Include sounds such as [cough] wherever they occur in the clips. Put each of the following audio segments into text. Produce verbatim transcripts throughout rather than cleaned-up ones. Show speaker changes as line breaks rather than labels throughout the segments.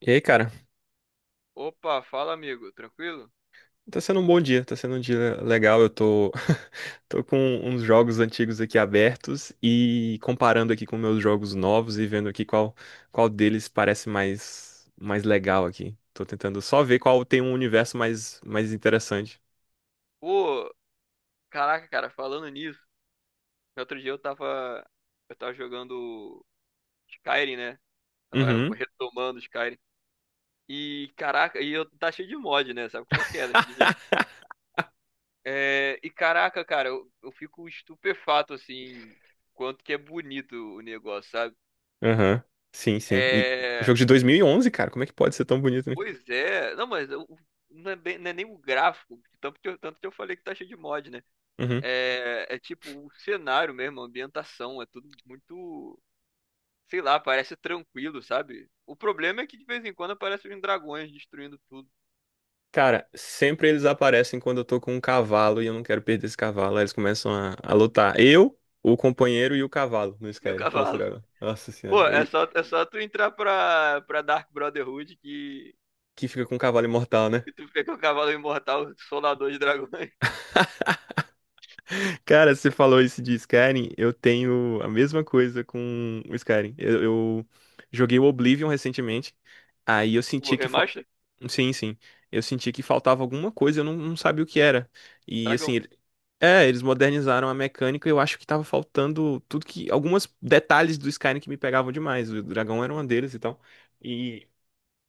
E aí, cara?
Opa, fala amigo, tranquilo?
Tá sendo um bom dia, tá sendo um dia legal. Eu tô, [laughs] tô com uns jogos antigos aqui abertos e comparando aqui com meus jogos novos e vendo aqui qual, qual deles parece mais, mais legal aqui. Tô tentando só ver qual tem um universo mais, mais interessante.
Pô, caraca, cara, falando nisso, outro dia eu tava, eu tava jogando Skyrim, né?
Uhum,
Tava retomando Skyrim. E caraca, e eu tá cheio de mod, né? Sabe como é que é daquele jeito? É, e caraca, cara, eu, eu fico estupefato assim, quanto que é bonito o negócio, sabe?
aham. Sim, sim. E
É,
jogo de dois mil e onze, cara, como é que pode ser tão bonito, né?
pois é, não, mas eu- não é bem- não é nem o gráfico, tanto que eu, tanto que eu falei que tá cheio de mod, né?
Uhum.
É, é tipo o cenário mesmo, a ambientação, é tudo muito, sei lá, parece tranquilo, sabe? O problema é que de vez em quando aparecem uns dragões destruindo tudo [laughs]
Cara, sempre eles aparecem quando eu tô com um cavalo e eu não quero perder esse cavalo. Aí eles começam a, a lutar. Eu, o companheiro e o cavalo no
e o
Skyrim contra o
cavalo.
dragão. Nossa senhora,
Pô, é
eu-
só, é só tu entrar pra, pra Dark Brotherhood que,
que fica com um cavalo imortal, né?
que tu vê que o cavalo é imortal, o solador de dragões. [laughs]
[laughs] Cara, você falou isso de Skyrim, eu tenho a mesma coisa com o Skyrim. Eu, eu joguei o Oblivion recentemente, aí eu
O
senti que fal...
remaster?
Sim, sim. Eu senti que faltava alguma coisa, eu não, não sabia o que era. E
Dragão.
assim, é, eles modernizaram a mecânica e eu acho que tava faltando tudo que. Alguns detalhes do Skyrim que me pegavam demais. O dragão era uma deles e tal. E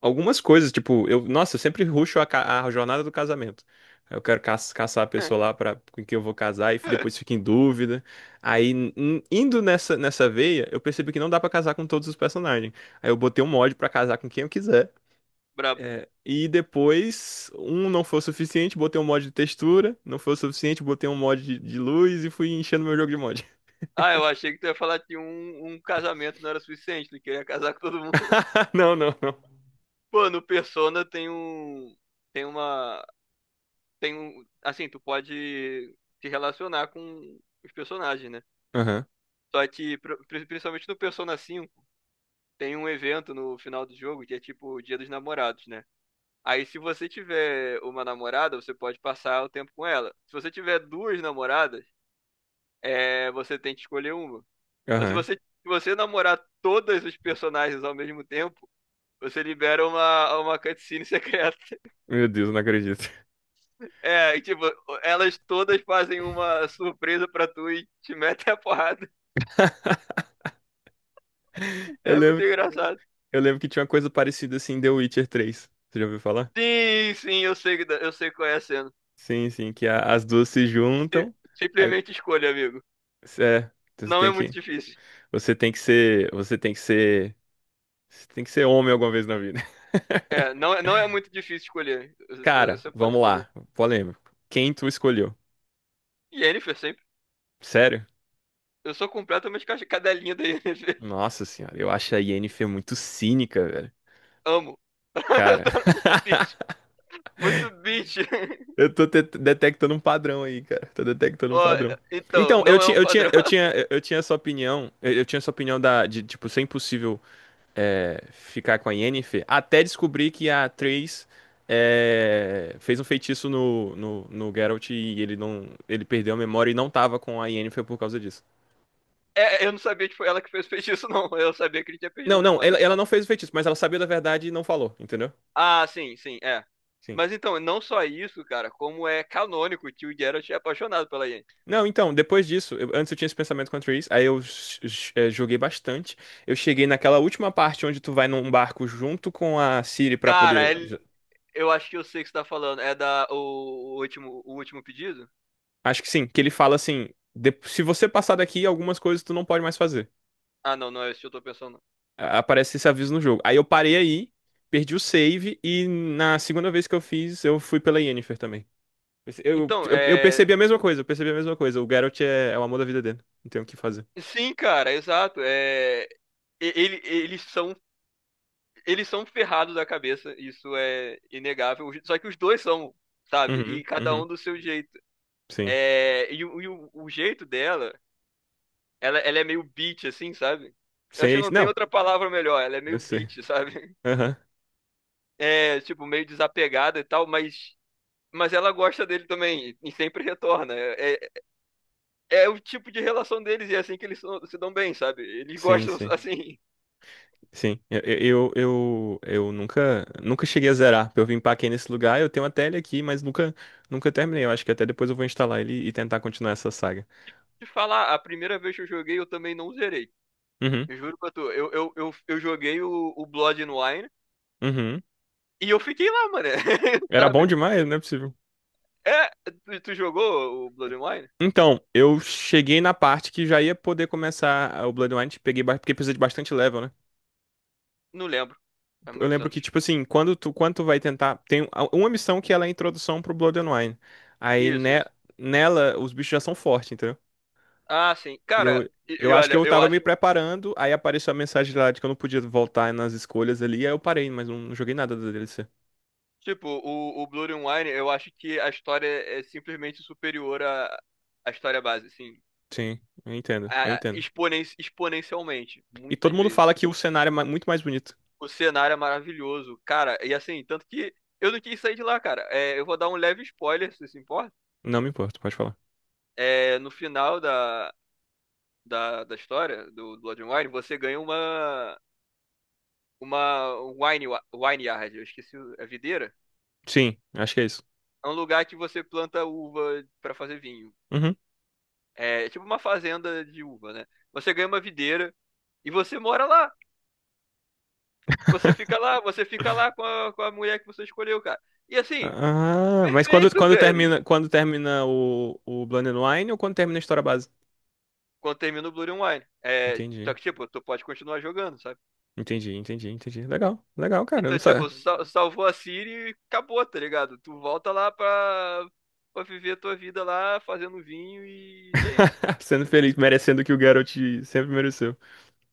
algumas coisas, tipo, eu, nossa, eu sempre rusho a, ca- a jornada do casamento. Eu quero ca- caçar a pessoa lá pra, com quem eu vou casar e depois
[laughs]
fico em dúvida. Aí, n- indo nessa, nessa veia, eu percebi que não dá pra casar com todos os personagens. Aí eu botei um mod pra casar com quem eu quiser.
Brabo.
É, e depois, um não foi o suficiente, botei um mod de textura, não foi o suficiente, botei um mod de, de luz e fui enchendo meu jogo de mod.
Ah, eu achei que tu ia falar que um, um casamento não era suficiente, tu queria casar com todo mundo.
[laughs] Não, não, não.
[laughs] Pô, no Persona tem um. Tem uma. Tem um, assim, tu pode se relacionar com os personagens, né?
Aham,
Só que, pr- pri- principalmente no Persona cinco, tem um evento no final do jogo que é tipo o Dia dos Namorados, né? Aí, se você tiver uma namorada, você pode passar o tempo com ela. Se você tiver duas namoradas, é, você tem que escolher uma. Mas se
aham.
você, se você namorar todos os personagens ao mesmo tempo, você libera uma, uma cutscene [laughs] secreta.
Meu Deus, não acredito.
É, e, tipo, elas todas fazem uma surpresa pra tu e te metem a porrada.
Eu
É muito
lembro,
engraçado.
eu lembro que tinha uma coisa parecida assim em The Witcher três. Você já ouviu falar?
Sim, sim, eu sei, que dá- eu sei qual é a cena.
Sim, sim, que a- as duas se
Si-
juntam. Aí,
Simplesmente escolha, amigo.
é, então você
Não é
tem
muito
que,
difícil.
você tem que ser, você tem que ser, você tem que ser homem alguma vez na vida.
É,
[laughs]
não, é- não é muito difícil escolher. Você
Cara,
você pode
vamos
escolher.
lá, polêmico. Quem tu escolheu?
Jennifer sempre.
Sério?
Eu sou completamente caixa- cadelinha da Yennefer.
Nossa senhora, eu acho a Yennefer muito cínica, velho.
Amo.
Cara,
[laughs] Muito bitch.
[laughs]
Muito bitch. [laughs]
eu tô te- detectando um padrão aí, cara. Tô detectando um
Ó,
padrão.
então,
Então, eu
não é
tinha,
um
eu tinha,
padrão.
eu
[laughs]
tinha, eu tinha essa opinião, eu, eu tinha essa opinião da, de, tipo, ser impossível é, ficar com a Yennefer, até descobrir que a Triss é, fez um feitiço no, no, no Geralt e ele não, ele perdeu a memória e não tava com a Yennefer por causa disso.
É, eu não sabia que foi ela que fez o feitiço, não. Eu sabia que ele tinha perdido a
Não, não,
memória.
ela, ela não fez o feitiço, mas ela sabia da verdade e não falou, entendeu?
Ah, sim, sim, é.
Sim.
Mas então, não só isso, cara, como é canônico que o Geralt é apaixonado pela Yennefer.
Não, então, depois disso, eu- antes eu tinha esse pensamento contra o Reese, aí eu j- j- eh, joguei bastante. Eu cheguei naquela última parte onde tu vai num barco junto com a Ciri pra
Cara,
poder.
ele-
J-
eu acho que eu sei o que você tá falando. É da o, o último, o último pedido?
Acho que sim, que ele fala assim: "De- se você passar daqui, algumas coisas tu não pode mais fazer.
Ah, não, não é esse que eu tô pensando. Não.
A- Aparece esse aviso no jogo. Aí eu parei aí, perdi o save, e na segunda vez que eu fiz, eu fui pela Yennefer também. Eu,
Então,
eu, eu
é.
percebi a mesma coisa, eu percebi a mesma coisa. O Geralt é, é o amor da vida dele. Não tem o que fazer.
Sim, cara, exato. É... e- Ele, eles são, eles são ferrados da cabeça, isso é inegável. Só que os dois são, sabe?
Uhum,
E cada um
uhum,
do seu jeito.
sim.
É... E, o, e o- o jeito dela, ela, ela é meio bitch, assim, sabe? Eu acho que
Sei,
não tem
não,
outra palavra melhor, ela é
eu
meio
sei.
bitch, [laughs] sabe?
[laughs]
É, tipo, meio desapegada e tal, mas Mas ela gosta dele também e sempre retorna. É, é, é o tipo de relação deles e é assim que eles so- se dão bem, sabe? Eles
Sim,
gostam, [laughs]
sim.
assim.
Sim, eu, eu, eu, eu nunca, nunca cheguei a zerar. Eu vim empaquei nesse lugar, eu tenho até ele aqui, mas nunca, nunca terminei. Eu acho que até depois eu vou instalar ele e tentar continuar essa saga.
De falar, a primeira vez que eu joguei, eu também não zerei.
Uhum,
Eu juro pra tu, eu, eu, eu, eu joguei o, o Blood and Wine
uhum.
e eu fiquei lá, mano. [laughs]
Era bom
Sabe?
demais, não é possível.
É, tu, tu jogou o Blood and Wine?
Então, eu cheguei na parte que já ia poder começar a- o Bloodwind, peguei, ba- porque precisa de bastante level, né?
Não lembro. É
Eu
muitos
lembro que,
anos.
tipo assim, quando tu, quando tu vai tentar. Tem a- uma missão que ela é a introdução pro Bloodwine. Aí
Isso,
ne-
isso.
nela, os bichos já são fortes, entendeu?
Ah, sim.
E
Cara,
eu,
e,
eu
e
acho que
olha,
eu
eu
tava me
acho.
preparando, aí apareceu a mensagem lá de que eu não podia voltar nas escolhas ali, aí eu parei, mas não joguei nada da D L C.
Tipo, o, o Blood and Wine, eu acho que a história é é simplesmente superior à, à história base, assim.
Sim, eu entendo, eu
Ah,
entendo.
exponen- exponencialmente,
E
muitas
todo mundo
vezes.
fala que o cenário é ma- muito mais bonito.
O cenário é maravilhoso, cara. E assim, tanto que eu não quis sair de lá, cara. É, eu vou dar um leve spoiler, se você se importa.
Não me importo, pode falar.
É, no final da, da, da história do Blood and Wine, você ganha uma uma wine, wa- wine yard, eu esqueci o- a videira.
Sim, acho que é isso.
É um lugar que você planta uva pra fazer vinho.
Uhum.
É é tipo uma fazenda de uva, né? Você ganha uma videira e você mora lá. Você
[laughs]
fica lá, você fica lá com a, com a mulher que você escolheu, cara. E assim,
Ah, mas quando,
perfeito,
quando
velho.
termina, quando termina o, o Blood and Wine ou quando termina a história base?
Quando termina o Blood and Wine. É, só
Entendi,
que, tipo, tu pode continuar jogando, sabe?
entendi, entendi, entendi. Legal, legal, cara. Eu não
Então, tipo,
sabia.
sal- salvou a Ciri e acabou, tá ligado? Tu volta lá pra, pra viver a tua vida lá, fazendo vinho e... e é isso.
[laughs] Sendo feliz, merecendo o que o Geralt sempre mereceu.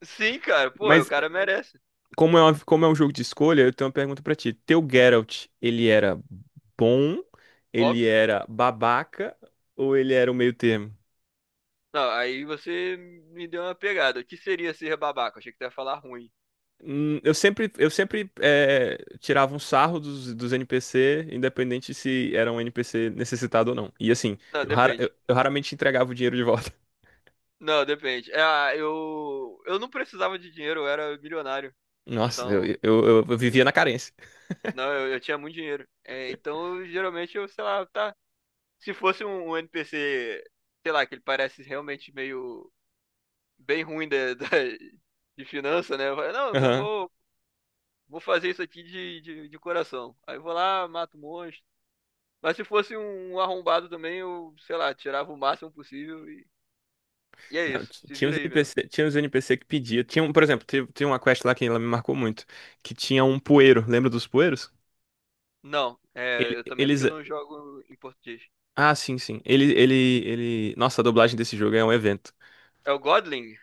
Sim, cara, pô, o
Mas
cara merece.
como é, uma- como é um jogo de escolha, eu tenho uma pergunta pra ti. Teu Geralt, ele era bom, ele
Óbvio.
era babaca ou ele era o meio termo?
Não, aí você me deu uma pegada. O que seria ser babaca? Achei que tu ia falar ruim.
Hum, eu sempre, eu sempre eh, tirava um sarro dos, dos N P C, independente se era um N P C necessitado ou não. E assim,
Não,
eu, rara- eu-
depende.
eu raramente entregava o dinheiro de volta.
Não, depende. É, ah, eu, eu não precisava de dinheiro, eu era milionário.
[laughs] Nossa, eu,
Então,
eu, eu- eu vivia na carência.
não, eu, eu tinha muito dinheiro. É, então, eu, geralmente, eu, sei lá, tá. Se fosse um, um N P C, sei lá, que ele parece realmente meio bem ruim da, da- de finança, né? Eu falo, não, eu
Aham.
vou, vou fazer isso aqui de, de, de coração. Aí eu vou lá, mato um monstro. Mas se fosse um um arrombado também, eu, sei lá, tirava o máximo possível e, e é
Não,
isso.
ti-
Se
tinha
vira
uns
aí, meu.
N P C, tinha uns N P C que pedia. Tinha, um- por exemplo, teve- tinha uma quest lá que ela me marcou muito, que tinha um poeiro. Lembra dos poeiros?
Não, é,
Ele-
eu também, porque eu
eles.
não jogo em português.
Ah, sim, sim. Ele, ele, ele. Nossa, a dublagem desse jogo é um evento.
É o Godling?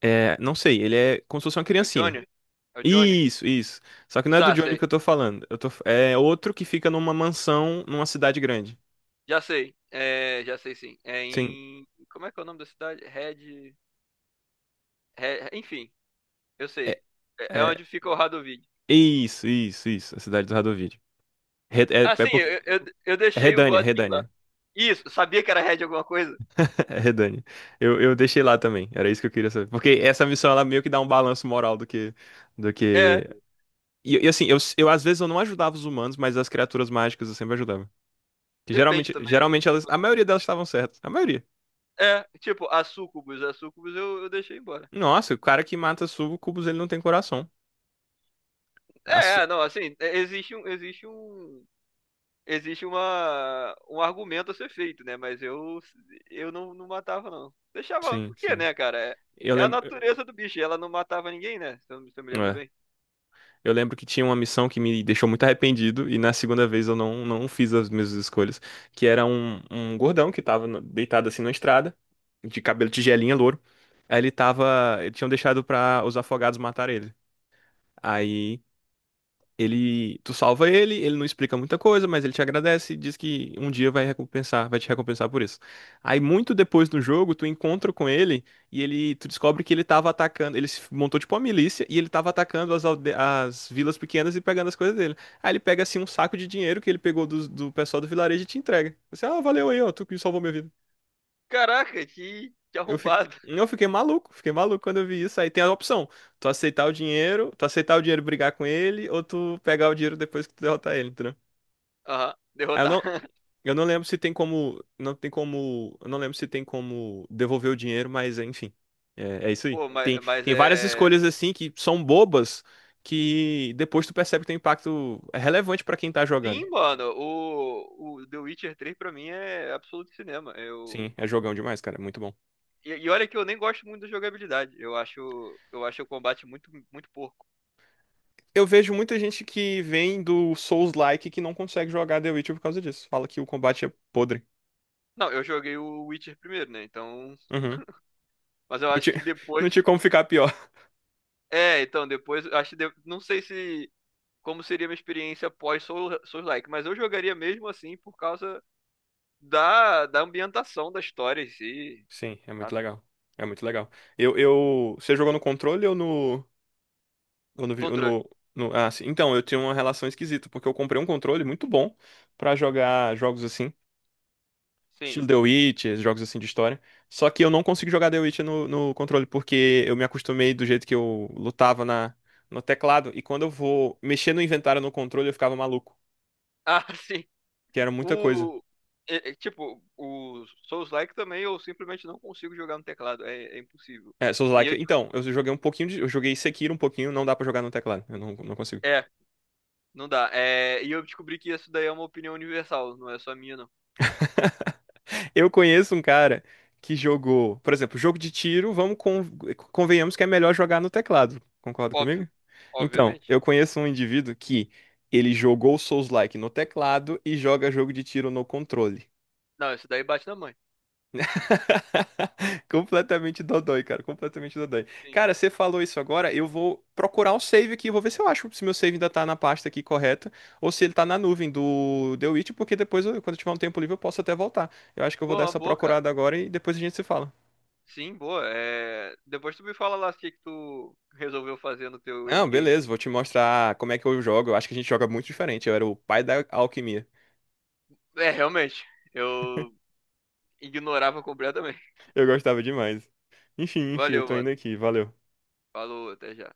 É, não sei, ele é como se fosse uma
É o
criancinha.
Johnny? É o Johnny?
Isso, isso. Só que não é do
Sá,
Johnny
sei.
que eu tô falando. Eu tô... É outro que fica numa mansão numa cidade grande.
Já sei. É, já sei sim. É
Sim.
em. Como é que é o nome da cidade? Red. Re- Enfim, eu sei.
É,
É é
é...
onde fica o Radovid.
Isso, isso, isso. A cidade do Radovid. Re-
Ah,
é, é
sim,
porque.
eu, eu, eu
É
deixei o
Redânia,
Godwin lá.
Redânia. [laughs]
Isso, sabia que era Red alguma coisa?
É Redânia. Eu, eu deixei lá também. Era isso que eu queria saber. Porque essa missão, ela meio que dá um balanço moral do que, do
É,
que E, e assim, eu, eu às vezes eu não ajudava os humanos, mas as criaturas mágicas eu sempre ajudava. Que
depende
geralmente,
também. Né?
geralmente elas, a maioria delas estavam certas. A maioria.
É, tipo, a Sucubus, a Sucubus eu, eu deixei embora.
Nossa, o cara que mata sucubus, ele não tem coração. A
É,
su-
é, não, assim, é, existe um, existe um, existe uma, um argumento a ser feito, né? Mas eu, eu não, não matava, não. Deixava,
sim,
por quê,
sim.
né, cara? É,
Eu
é a
lembro,
natureza do bicho, ela não matava ninguém, né? Se eu, se eu me lembro
é.
bem.
Eu lembro que tinha uma missão que me deixou muito arrependido e na segunda vez eu não, não fiz as mesmas escolhas, que era um, um gordão que tava no- deitado assim na estrada, de cabelo tigelinha louro. Aí ele tava, eles tinham deixado pra os afogados matar ele. Aí ele, tu salva ele, ele não explica muita coisa, mas ele te agradece e diz que um dia vai recompensar, vai te recompensar por isso. Aí muito depois no jogo, tu encontra com ele e ele, tu descobre que ele tava atacando, ele se montou tipo uma milícia e ele tava atacando as, alde- as vilas pequenas e pegando as coisas dele. Aí ele pega assim um saco de dinheiro que ele pegou do, do pessoal do vilarejo e te entrega. Você, ah, valeu aí, ó, tu que salvou minha vida.
Caraca, que, que
Eu fico,
arrombado.
eu fiquei maluco, fiquei maluco quando eu vi isso. Aí tem a opção, tu aceitar o dinheiro, tu aceitar o dinheiro e brigar com ele, ou tu pegar o dinheiro depois que tu derrotar ele, entendeu?
Aham,
Ah, eu
derrotar.
não,
[laughs]
eu não lembro se tem como, não tem como, eu não lembro se tem como devolver o dinheiro, mas enfim, é, é isso aí.
Pô,
Tem,
mas, mas
tem várias
é.
escolhas assim que são bobas que depois tu percebe que tem impacto é relevante pra quem tá jogando.
Sim, mano, o, o The Witcher três pra mim é absoluto cinema. Eu.
Sim, é jogão demais, cara, é muito bom.
E, e olha que eu nem gosto muito da jogabilidade. Eu acho, eu acho o combate muito, muito porco.
Eu vejo muita gente que vem do Souls-like que não consegue jogar The Witcher por causa disso. Fala que o combate é podre.
Não, eu joguei o Witcher primeiro, né? Então.
Uhum.
Mas eu
Não
acho que
tinha, [laughs] não tinha
depois.
como ficar pior.
É, então depois, acho que de- não sei se como seria minha experiência pós Soul- Souls-like, mas eu jogaria mesmo assim por causa da, da ambientação da história em si,
Sim, é muito
sabe?
legal. É muito legal. Eu, eu, você jogou no controle ou no ou no, vi- ou
Controle.
no- no- ah, sim. Então, eu tenho uma relação esquisita, porque eu comprei um controle muito bom pra jogar jogos assim,
Sim.
estilo The Witcher, jogos assim de história. Só que eu não consigo jogar The Witcher no, no controle, porque eu me acostumei do jeito que eu lutava na, no teclado, e quando eu vou mexer no inventário no controle, eu ficava maluco,
Ah, [laughs] sim.
que era muita coisa.
O é- é, tipo, o Souls-like também eu simplesmente não consigo jogar no teclado, é, é impossível.
É,
E
Souls-like.
eu, tipo,
Então, eu joguei um pouquinho de, eu joguei Sekiro um pouquinho, não dá pra jogar no teclado, eu não, não consigo.
é, não dá. É, e eu descobri que isso daí é uma opinião universal, não é só minha, não.
Eu conheço um cara que jogou, por exemplo, jogo de tiro, vamos con- convenhamos que é melhor jogar no teclado. Concorda comigo?
Óbvio,
Então,
obviamente.
eu conheço um indivíduo que ele jogou Souls-like no teclado e joga jogo de tiro no controle.
Não, isso daí bate na mãe.
[laughs] Completamente dodói, cara, completamente dodói.
Sim.
Cara, você falou isso agora, eu vou procurar um save aqui, eu vou ver se eu acho se meu save ainda tá na pasta aqui correta ou se ele tá na nuvem do The Witch, porque depois, eu- quando eu tiver um tempo livre, eu posso até voltar. Eu acho que eu vou
Pô,
dar
uma
essa
boa, cara.
procurada agora e depois a gente se fala.
Sim, boa. É... Depois tu me fala lá o que que tu resolveu fazer no teu
Não,
endgame.
beleza, vou te mostrar como é que eu jogo. Eu acho que a gente joga muito diferente. Eu era o pai da alquimia.
É, realmente, eu ignorava completamente.
Eu gostava demais. Enfim, enfim, eu
Valeu,
tô indo
mano.
aqui. Valeu.
Falou, até já.